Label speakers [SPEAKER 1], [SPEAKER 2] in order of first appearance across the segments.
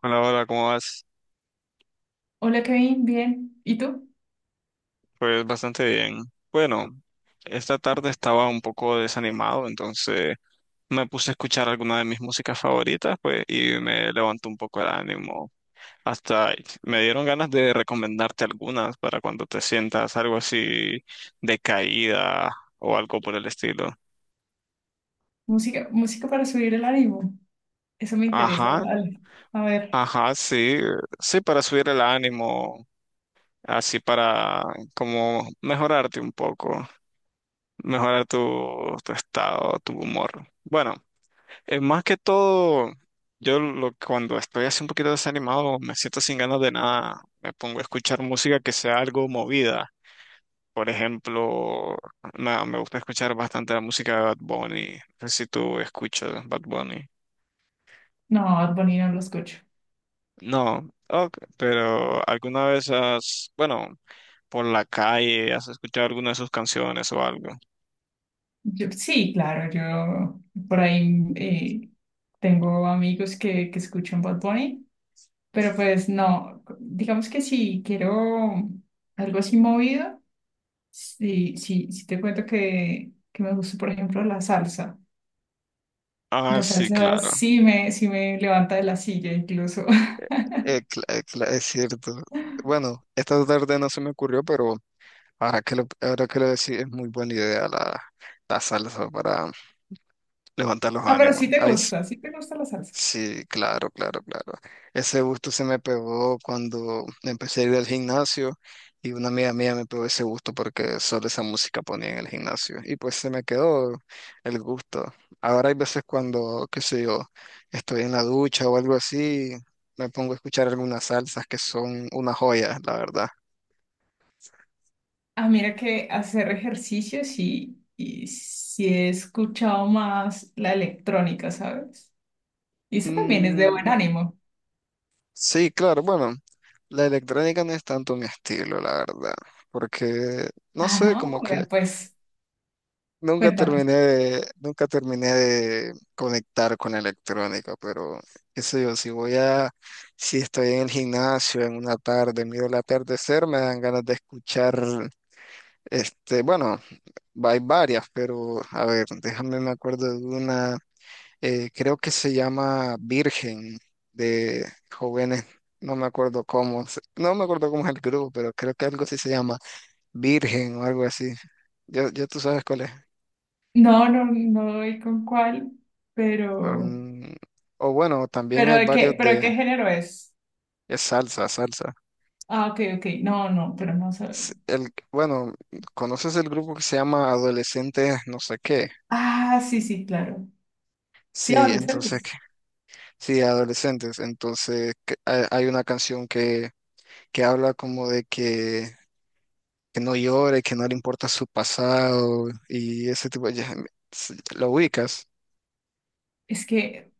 [SPEAKER 1] Hola, hola, ¿cómo vas?
[SPEAKER 2] Hola Kevin, bien. ¿Y tú?
[SPEAKER 1] Pues bastante bien. Bueno, esta tarde estaba un poco desanimado, entonces me puse a escuchar alguna de mis músicas favoritas, pues, y me levantó un poco el ánimo. Hasta me dieron ganas de recomendarte algunas para cuando te sientas algo así decaída o algo por el estilo.
[SPEAKER 2] Música, música para subir el ánimo. Eso me interesa.
[SPEAKER 1] Ajá,
[SPEAKER 2] Dale. A ver.
[SPEAKER 1] ajá, sí, sí, para subir el ánimo, así para como mejorarte un poco. Mejorar tu, tu estado, tu humor. Bueno, más que todo, cuando estoy así un poquito desanimado, me siento sin ganas de nada, me pongo a escuchar música que sea algo movida. Por ejemplo, me gusta escuchar bastante la música de Bad Bunny. No sé si tú escuchas Bad Bunny.
[SPEAKER 2] No, Bad Bunny no lo escucho.
[SPEAKER 1] No, ok, pero bueno, por la calle, has escuchado alguna de sus canciones o algo.
[SPEAKER 2] Yo, sí, claro, yo por ahí tengo amigos que escuchan Bad Bunny, pero pues no, digamos que si quiero algo así movido, sí, te cuento que me gusta, por ejemplo, la salsa.
[SPEAKER 1] Ah,
[SPEAKER 2] La
[SPEAKER 1] sí,
[SPEAKER 2] salsa
[SPEAKER 1] claro.
[SPEAKER 2] sí me levanta de la silla incluso.
[SPEAKER 1] Es cierto. Bueno, esta tarde no se me ocurrió, pero ahora que lo decís, es muy buena idea la salsa para levantar los
[SPEAKER 2] Ah, pero
[SPEAKER 1] ánimos. Ahí,
[SPEAKER 2] sí te gusta la salsa.
[SPEAKER 1] sí, claro, claro, claro. Ese gusto se me pegó cuando empecé a ir al gimnasio y una amiga mía me pegó ese gusto porque solo esa música ponía en el gimnasio y pues se me quedó el gusto. Ahora hay veces cuando, qué sé yo, estoy en la ducha o algo así, me pongo a escuchar algunas salsas que son una joya, la verdad.
[SPEAKER 2] Ah, mira que hacer ejercicios y sí he escuchado más la electrónica, ¿sabes? Y eso también es de buen
[SPEAKER 1] Mm,
[SPEAKER 2] ánimo.
[SPEAKER 1] sí, claro, bueno, la electrónica no es tanto mi estilo, la verdad, porque, no
[SPEAKER 2] Ah,
[SPEAKER 1] sé,
[SPEAKER 2] no,
[SPEAKER 1] como que...
[SPEAKER 2] vea, pues cuéntame.
[SPEAKER 1] Nunca terminé de conectar con la electrónica, pero qué sé yo, si estoy en el gimnasio en una tarde, miro el atardecer, me dan ganas de escuchar, bueno, hay varias, pero a ver, déjame me acuerdo de una, creo que se llama Virgen de jóvenes, no me acuerdo cómo, se- no me acuerdo cómo es el grupo, pero creo que algo así se llama Virgen o algo así. Ya, ya tú sabes cuál es.
[SPEAKER 2] No, no, no doy con cuál, pero,
[SPEAKER 1] Mm, o bueno, también hay varios
[SPEAKER 2] pero de
[SPEAKER 1] de
[SPEAKER 2] qué género es.
[SPEAKER 1] es salsa, salsa.
[SPEAKER 2] Ah, ok, ok, no, no, pero no sé.
[SPEAKER 1] El, bueno, ¿conoces el grupo que se llama Adolescentes no sé qué?
[SPEAKER 2] Ah, sí, sí, claro. Sí,
[SPEAKER 1] Sí, entonces,
[SPEAKER 2] adolescentes.
[SPEAKER 1] que- sí, adolescentes. Entonces, que- hay una canción que habla como de que no llore, que no le importa su pasado y ese tipo de... ya, ¿lo ubicas?
[SPEAKER 2] Es que,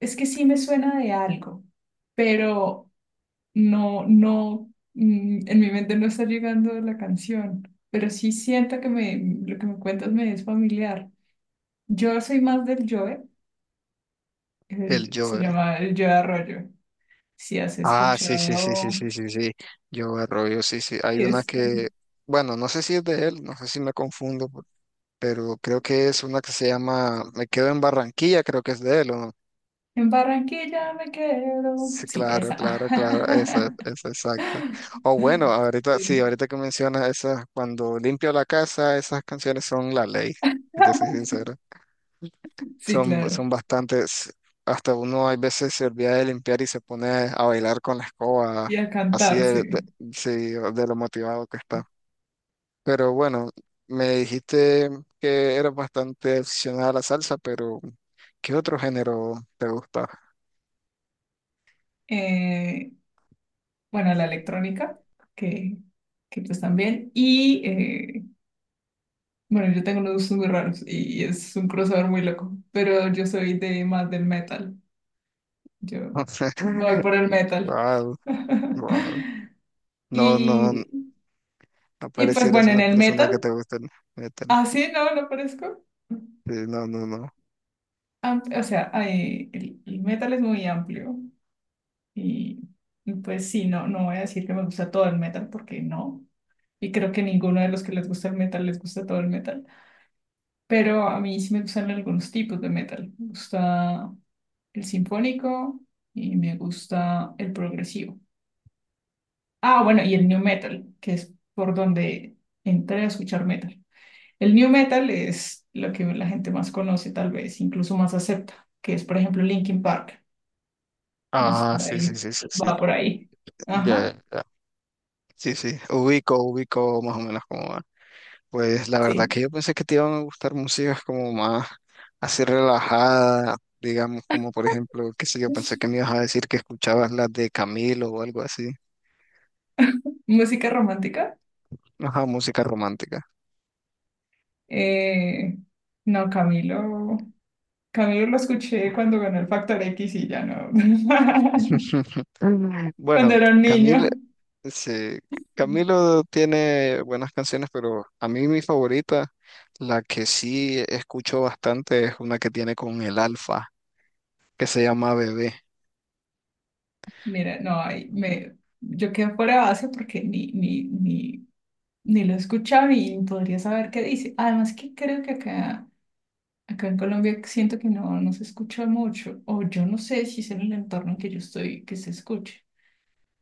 [SPEAKER 2] es que sí me suena de algo, pero no, no, mm, en mi mente no está llegando la canción, pero sí siento que me, lo que me cuentas me es familiar. Yo soy más del Joe,
[SPEAKER 1] El
[SPEAKER 2] el- se
[SPEAKER 1] llore.
[SPEAKER 2] llama el Joe Arroyo. Si has
[SPEAKER 1] Ah, sí, sí, sí, sí,
[SPEAKER 2] escuchado,
[SPEAKER 1] sí, sí, sí. Yo Arroyo, sí, sí.
[SPEAKER 2] y es,
[SPEAKER 1] Bueno, no sé si es de él, no sé si me confundo, pero creo que es una que se llama Me quedo en Barranquilla, creo que es de él, ¿o no?
[SPEAKER 2] en Barranquilla me quedo.
[SPEAKER 1] Sí,
[SPEAKER 2] Sí,
[SPEAKER 1] claro,
[SPEAKER 2] esa.
[SPEAKER 1] claro, claro, esa, exacto. O bueno, ahorita, sí,
[SPEAKER 2] Sí.
[SPEAKER 1] ahorita que mencionas esas, cuando limpio la casa, esas canciones son la ley, si te soy sincero.
[SPEAKER 2] Sí,
[SPEAKER 1] Son,
[SPEAKER 2] claro.
[SPEAKER 1] son bastantes, hasta uno hay veces se olvida de limpiar y se pone a bailar con la escoba,
[SPEAKER 2] Y a
[SPEAKER 1] así
[SPEAKER 2] cantar,
[SPEAKER 1] de,
[SPEAKER 2] sí.
[SPEAKER 1] de- sí, de lo motivado que está. Pero bueno, me dijiste que eras bastante aficionada a la salsa, pero ¿qué otro género te gusta?
[SPEAKER 2] Eh, bueno, la electrónica, que, que pues también. Y bueno, yo tengo unos gustos muy raros y es un crossover muy loco, pero yo soy de más del metal. Yo voy por el metal.
[SPEAKER 1] Wow, wow. No, no, no
[SPEAKER 2] Y, y pues
[SPEAKER 1] parecieras
[SPEAKER 2] bueno, en
[SPEAKER 1] una
[SPEAKER 2] el
[SPEAKER 1] persona que
[SPEAKER 2] metal,
[SPEAKER 1] te gusta el metal.
[SPEAKER 2] así no, no parezco.
[SPEAKER 1] Sí, no, no, no.
[SPEAKER 2] Am- O sea, hay- el metal es muy amplio y, y pues sí, no, no voy a decir que me gusta todo el metal porque no. Y creo que ninguno de los que les gusta el metal les gusta todo el metal. Pero a mí sí me gustan algunos tipos de metal. Me gusta el sinfónico y me gusta el progresivo. Ah, bueno, y el new metal, que es por donde entré a escuchar metal. El new metal es lo que la gente más conoce, tal vez, incluso más acepta, que es, por ejemplo, Linkin Park. Entonces,
[SPEAKER 1] Ah,
[SPEAKER 2] por
[SPEAKER 1] sí, sí,
[SPEAKER 2] ahí,
[SPEAKER 1] sí, sí, sí.
[SPEAKER 2] va por ahí.
[SPEAKER 1] Ya,
[SPEAKER 2] Ajá,
[SPEAKER 1] ya, ya. Sí, sí. Ubico más o menos como. Pues la verdad
[SPEAKER 2] sí.
[SPEAKER 1] que yo pensé que te iban a gustar músicas como más así relajada, digamos, como por ejemplo, qué sé yo, pensé que me ibas a decir que escuchabas las de Camilo o algo así.
[SPEAKER 2] Música romántica.
[SPEAKER 1] Ajá, música romántica.
[SPEAKER 2] Eh, no, Camilo. Camilo lo escuché cuando ganó el Factor X y ya no.
[SPEAKER 1] Mm.
[SPEAKER 2] Cuando
[SPEAKER 1] Bueno,
[SPEAKER 2] era un
[SPEAKER 1] Camilo,
[SPEAKER 2] niño.
[SPEAKER 1] sí, Camilo tiene buenas canciones, pero a mí mi favorita, la que sí escucho bastante, es una que tiene con el Alfa, que se llama Bebé.
[SPEAKER 2] Mira, no, yo quedo fuera de base porque ni lo he escuchado y podría saber qué dice. Además que creo que acá, acá en Colombia siento que no, no se escucha mucho, o yo no sé si es en el entorno en que yo estoy que se escuche,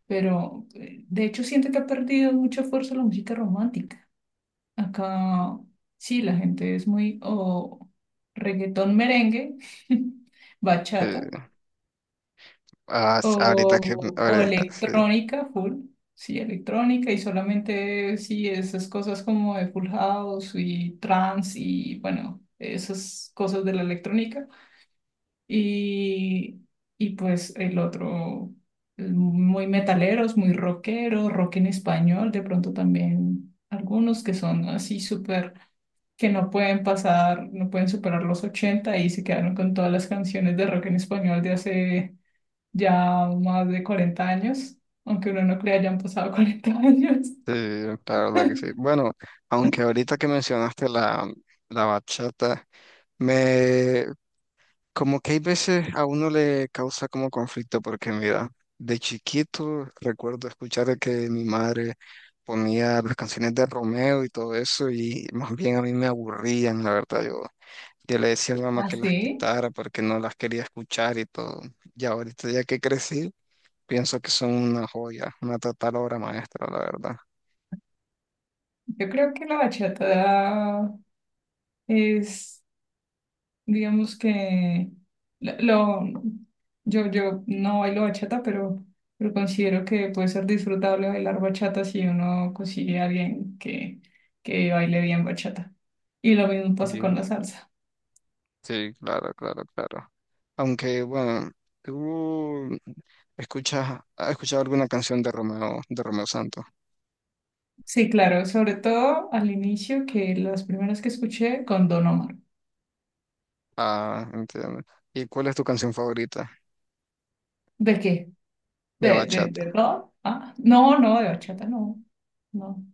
[SPEAKER 2] pero de hecho siento que ha perdido mucha fuerza la música romántica. Acá sí, la gente es muy o reggaetón merengue, bachata.
[SPEAKER 1] Eh, ah, ahorita que,
[SPEAKER 2] O
[SPEAKER 1] ahora-
[SPEAKER 2] electrónica, full, sí, electrónica y solamente sí, esas cosas como de Full House y trance y bueno, esas cosas de la electrónica. Y, y pues el otro, muy metaleros, muy rockeros, rock en español, de pronto también algunos que son así súper, que no pueden pasar, no pueden superar los 80 y se quedaron con todas las canciones de rock en español de hace ya más de 40 años, aunque uno no crea, ya han pasado 40 años.
[SPEAKER 1] Sí, la verdad que sí. Bueno, aunque ahorita que mencionaste la bachata, me como que hay veces a uno le causa como conflicto porque mira, de chiquito recuerdo escuchar que mi madre ponía las canciones de Romeo y todo eso y más bien a mí me aburrían, la verdad. Yo le decía a mi mamá que las
[SPEAKER 2] Así,
[SPEAKER 1] quitara porque no las quería escuchar y todo. Y ahorita ya que crecí, pienso que son una joya, una total obra maestra, la verdad.
[SPEAKER 2] yo creo que la bachata es, digamos que, lo- yo no bailo bachata, pero considero que puede ser disfrutable bailar bachata si uno consigue a alguien que baile bien bachata. Y lo mismo pasa con la salsa.
[SPEAKER 1] Sí, claro, claro, claro. Aunque, bueno, tú ¿has escuchado alguna canción de Romeo Santos?
[SPEAKER 2] Sí, claro, sobre todo al inicio, que las primeras que escuché con Don Omar.
[SPEAKER 1] Ah, entiendo. ¿Y cuál es tu canción favorita
[SPEAKER 2] ¿De qué?
[SPEAKER 1] de bachata?
[SPEAKER 2] De rock? Ah, no, no, de bachata no. No.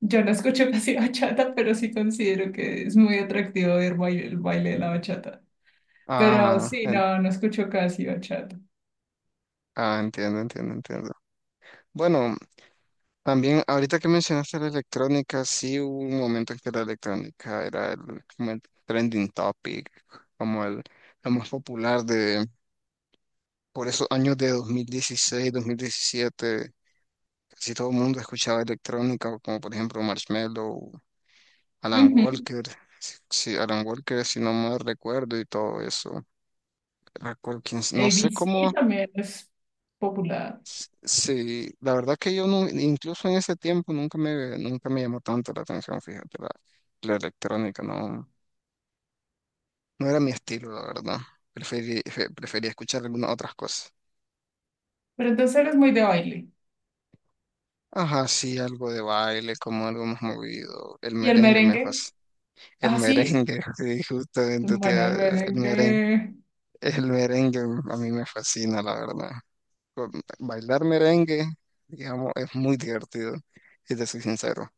[SPEAKER 2] Yo no escucho casi bachata, pero sí considero que es muy atractivo ver baile- el baile de la bachata. Pero
[SPEAKER 1] Ah,
[SPEAKER 2] sí,
[SPEAKER 1] en-
[SPEAKER 2] no, no escucho casi bachata.
[SPEAKER 1] ah, entiendo, entiendo, entiendo. Bueno, también ahorita que mencionaste la electrónica, sí hubo un momento en que la electrónica era como el trending topic, como el, lo más popular de por esos años de 2016, 2017. Casi todo el mundo escuchaba electrónica, como por ejemplo Marshmello, Alan
[SPEAKER 2] Ujú.
[SPEAKER 1] Walker, si Alan Walker, si no mal recuerdo, y todo eso. Era Colkins, no sé
[SPEAKER 2] ABC
[SPEAKER 1] cómo,
[SPEAKER 2] también es popular.
[SPEAKER 1] sí, la verdad que yo no, incluso en ese tiempo nunca me llamó tanto la atención, fíjate, la electrónica, no, no era mi estilo, la verdad. Prefería escuchar algunas otras cosas.
[SPEAKER 2] Pero entonces eres muy de baile.
[SPEAKER 1] Ajá, sí, algo de baile, como algo más movido. El
[SPEAKER 2] ¿Y el
[SPEAKER 1] merengue me
[SPEAKER 2] merengue?
[SPEAKER 1] fascina. El
[SPEAKER 2] Ah, sí.
[SPEAKER 1] merengue, sí, justamente,
[SPEAKER 2] Bueno, el
[SPEAKER 1] tía, el merengue.
[SPEAKER 2] merengue.
[SPEAKER 1] El merengue a mí me fascina, la verdad. Con- Bailar merengue, digamos, es muy divertido, si te soy sincero.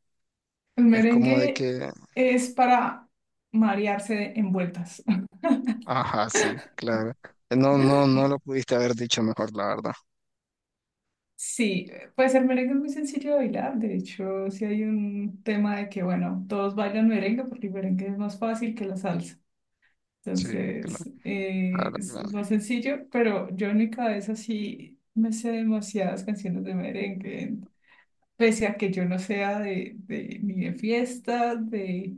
[SPEAKER 2] El
[SPEAKER 1] Es como de
[SPEAKER 2] merengue
[SPEAKER 1] que,
[SPEAKER 2] es para marearse en vueltas.
[SPEAKER 1] ajá, sí, claro. No, no, no lo pudiste haber dicho mejor, la verdad.
[SPEAKER 2] Sí, puede ser merengue es muy sencillo de bailar. De hecho, sí hay un tema de que, bueno, todos bailan merengue porque el merengue es más fácil que la salsa.
[SPEAKER 1] Sí, claro,
[SPEAKER 2] Entonces,
[SPEAKER 1] claro, claro.
[SPEAKER 2] es más sencillo, pero yo en mi cabeza sí me sé demasiadas canciones de merengue. Pese a que yo no sea de ni de fiesta,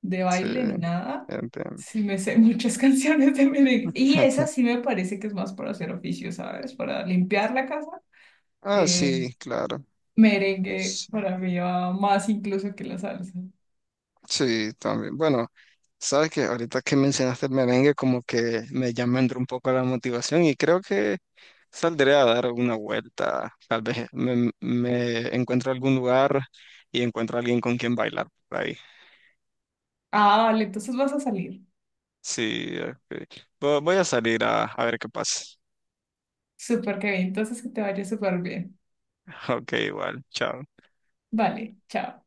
[SPEAKER 2] de
[SPEAKER 1] Sí,
[SPEAKER 2] baile, ni nada,
[SPEAKER 1] entiendo.
[SPEAKER 2] sí me sé muchas canciones de merengue. Y esa sí me parece que es más para hacer oficio, ¿sabes? Para limpiar la casa.
[SPEAKER 1] Ah,
[SPEAKER 2] eh,
[SPEAKER 1] sí, claro.
[SPEAKER 2] Merengue
[SPEAKER 1] Sí,
[SPEAKER 2] para mí va más incluso que la salsa.
[SPEAKER 1] sí, también. Bueno, sabes que ahorita que mencionaste el merengue, como que me llama entró un poco la motivación y creo que saldré a dar una vuelta, tal vez me encuentro algún lugar y encuentro a alguien con quien bailar por ahí.
[SPEAKER 2] Ah, vale, entonces vas a salir.
[SPEAKER 1] Sí, ok. Voy a salir a ver qué pasa.
[SPEAKER 2] Súper, bien, entonces que te vaya súper bien.
[SPEAKER 1] Ok, igual, chao.
[SPEAKER 2] Vale, chao.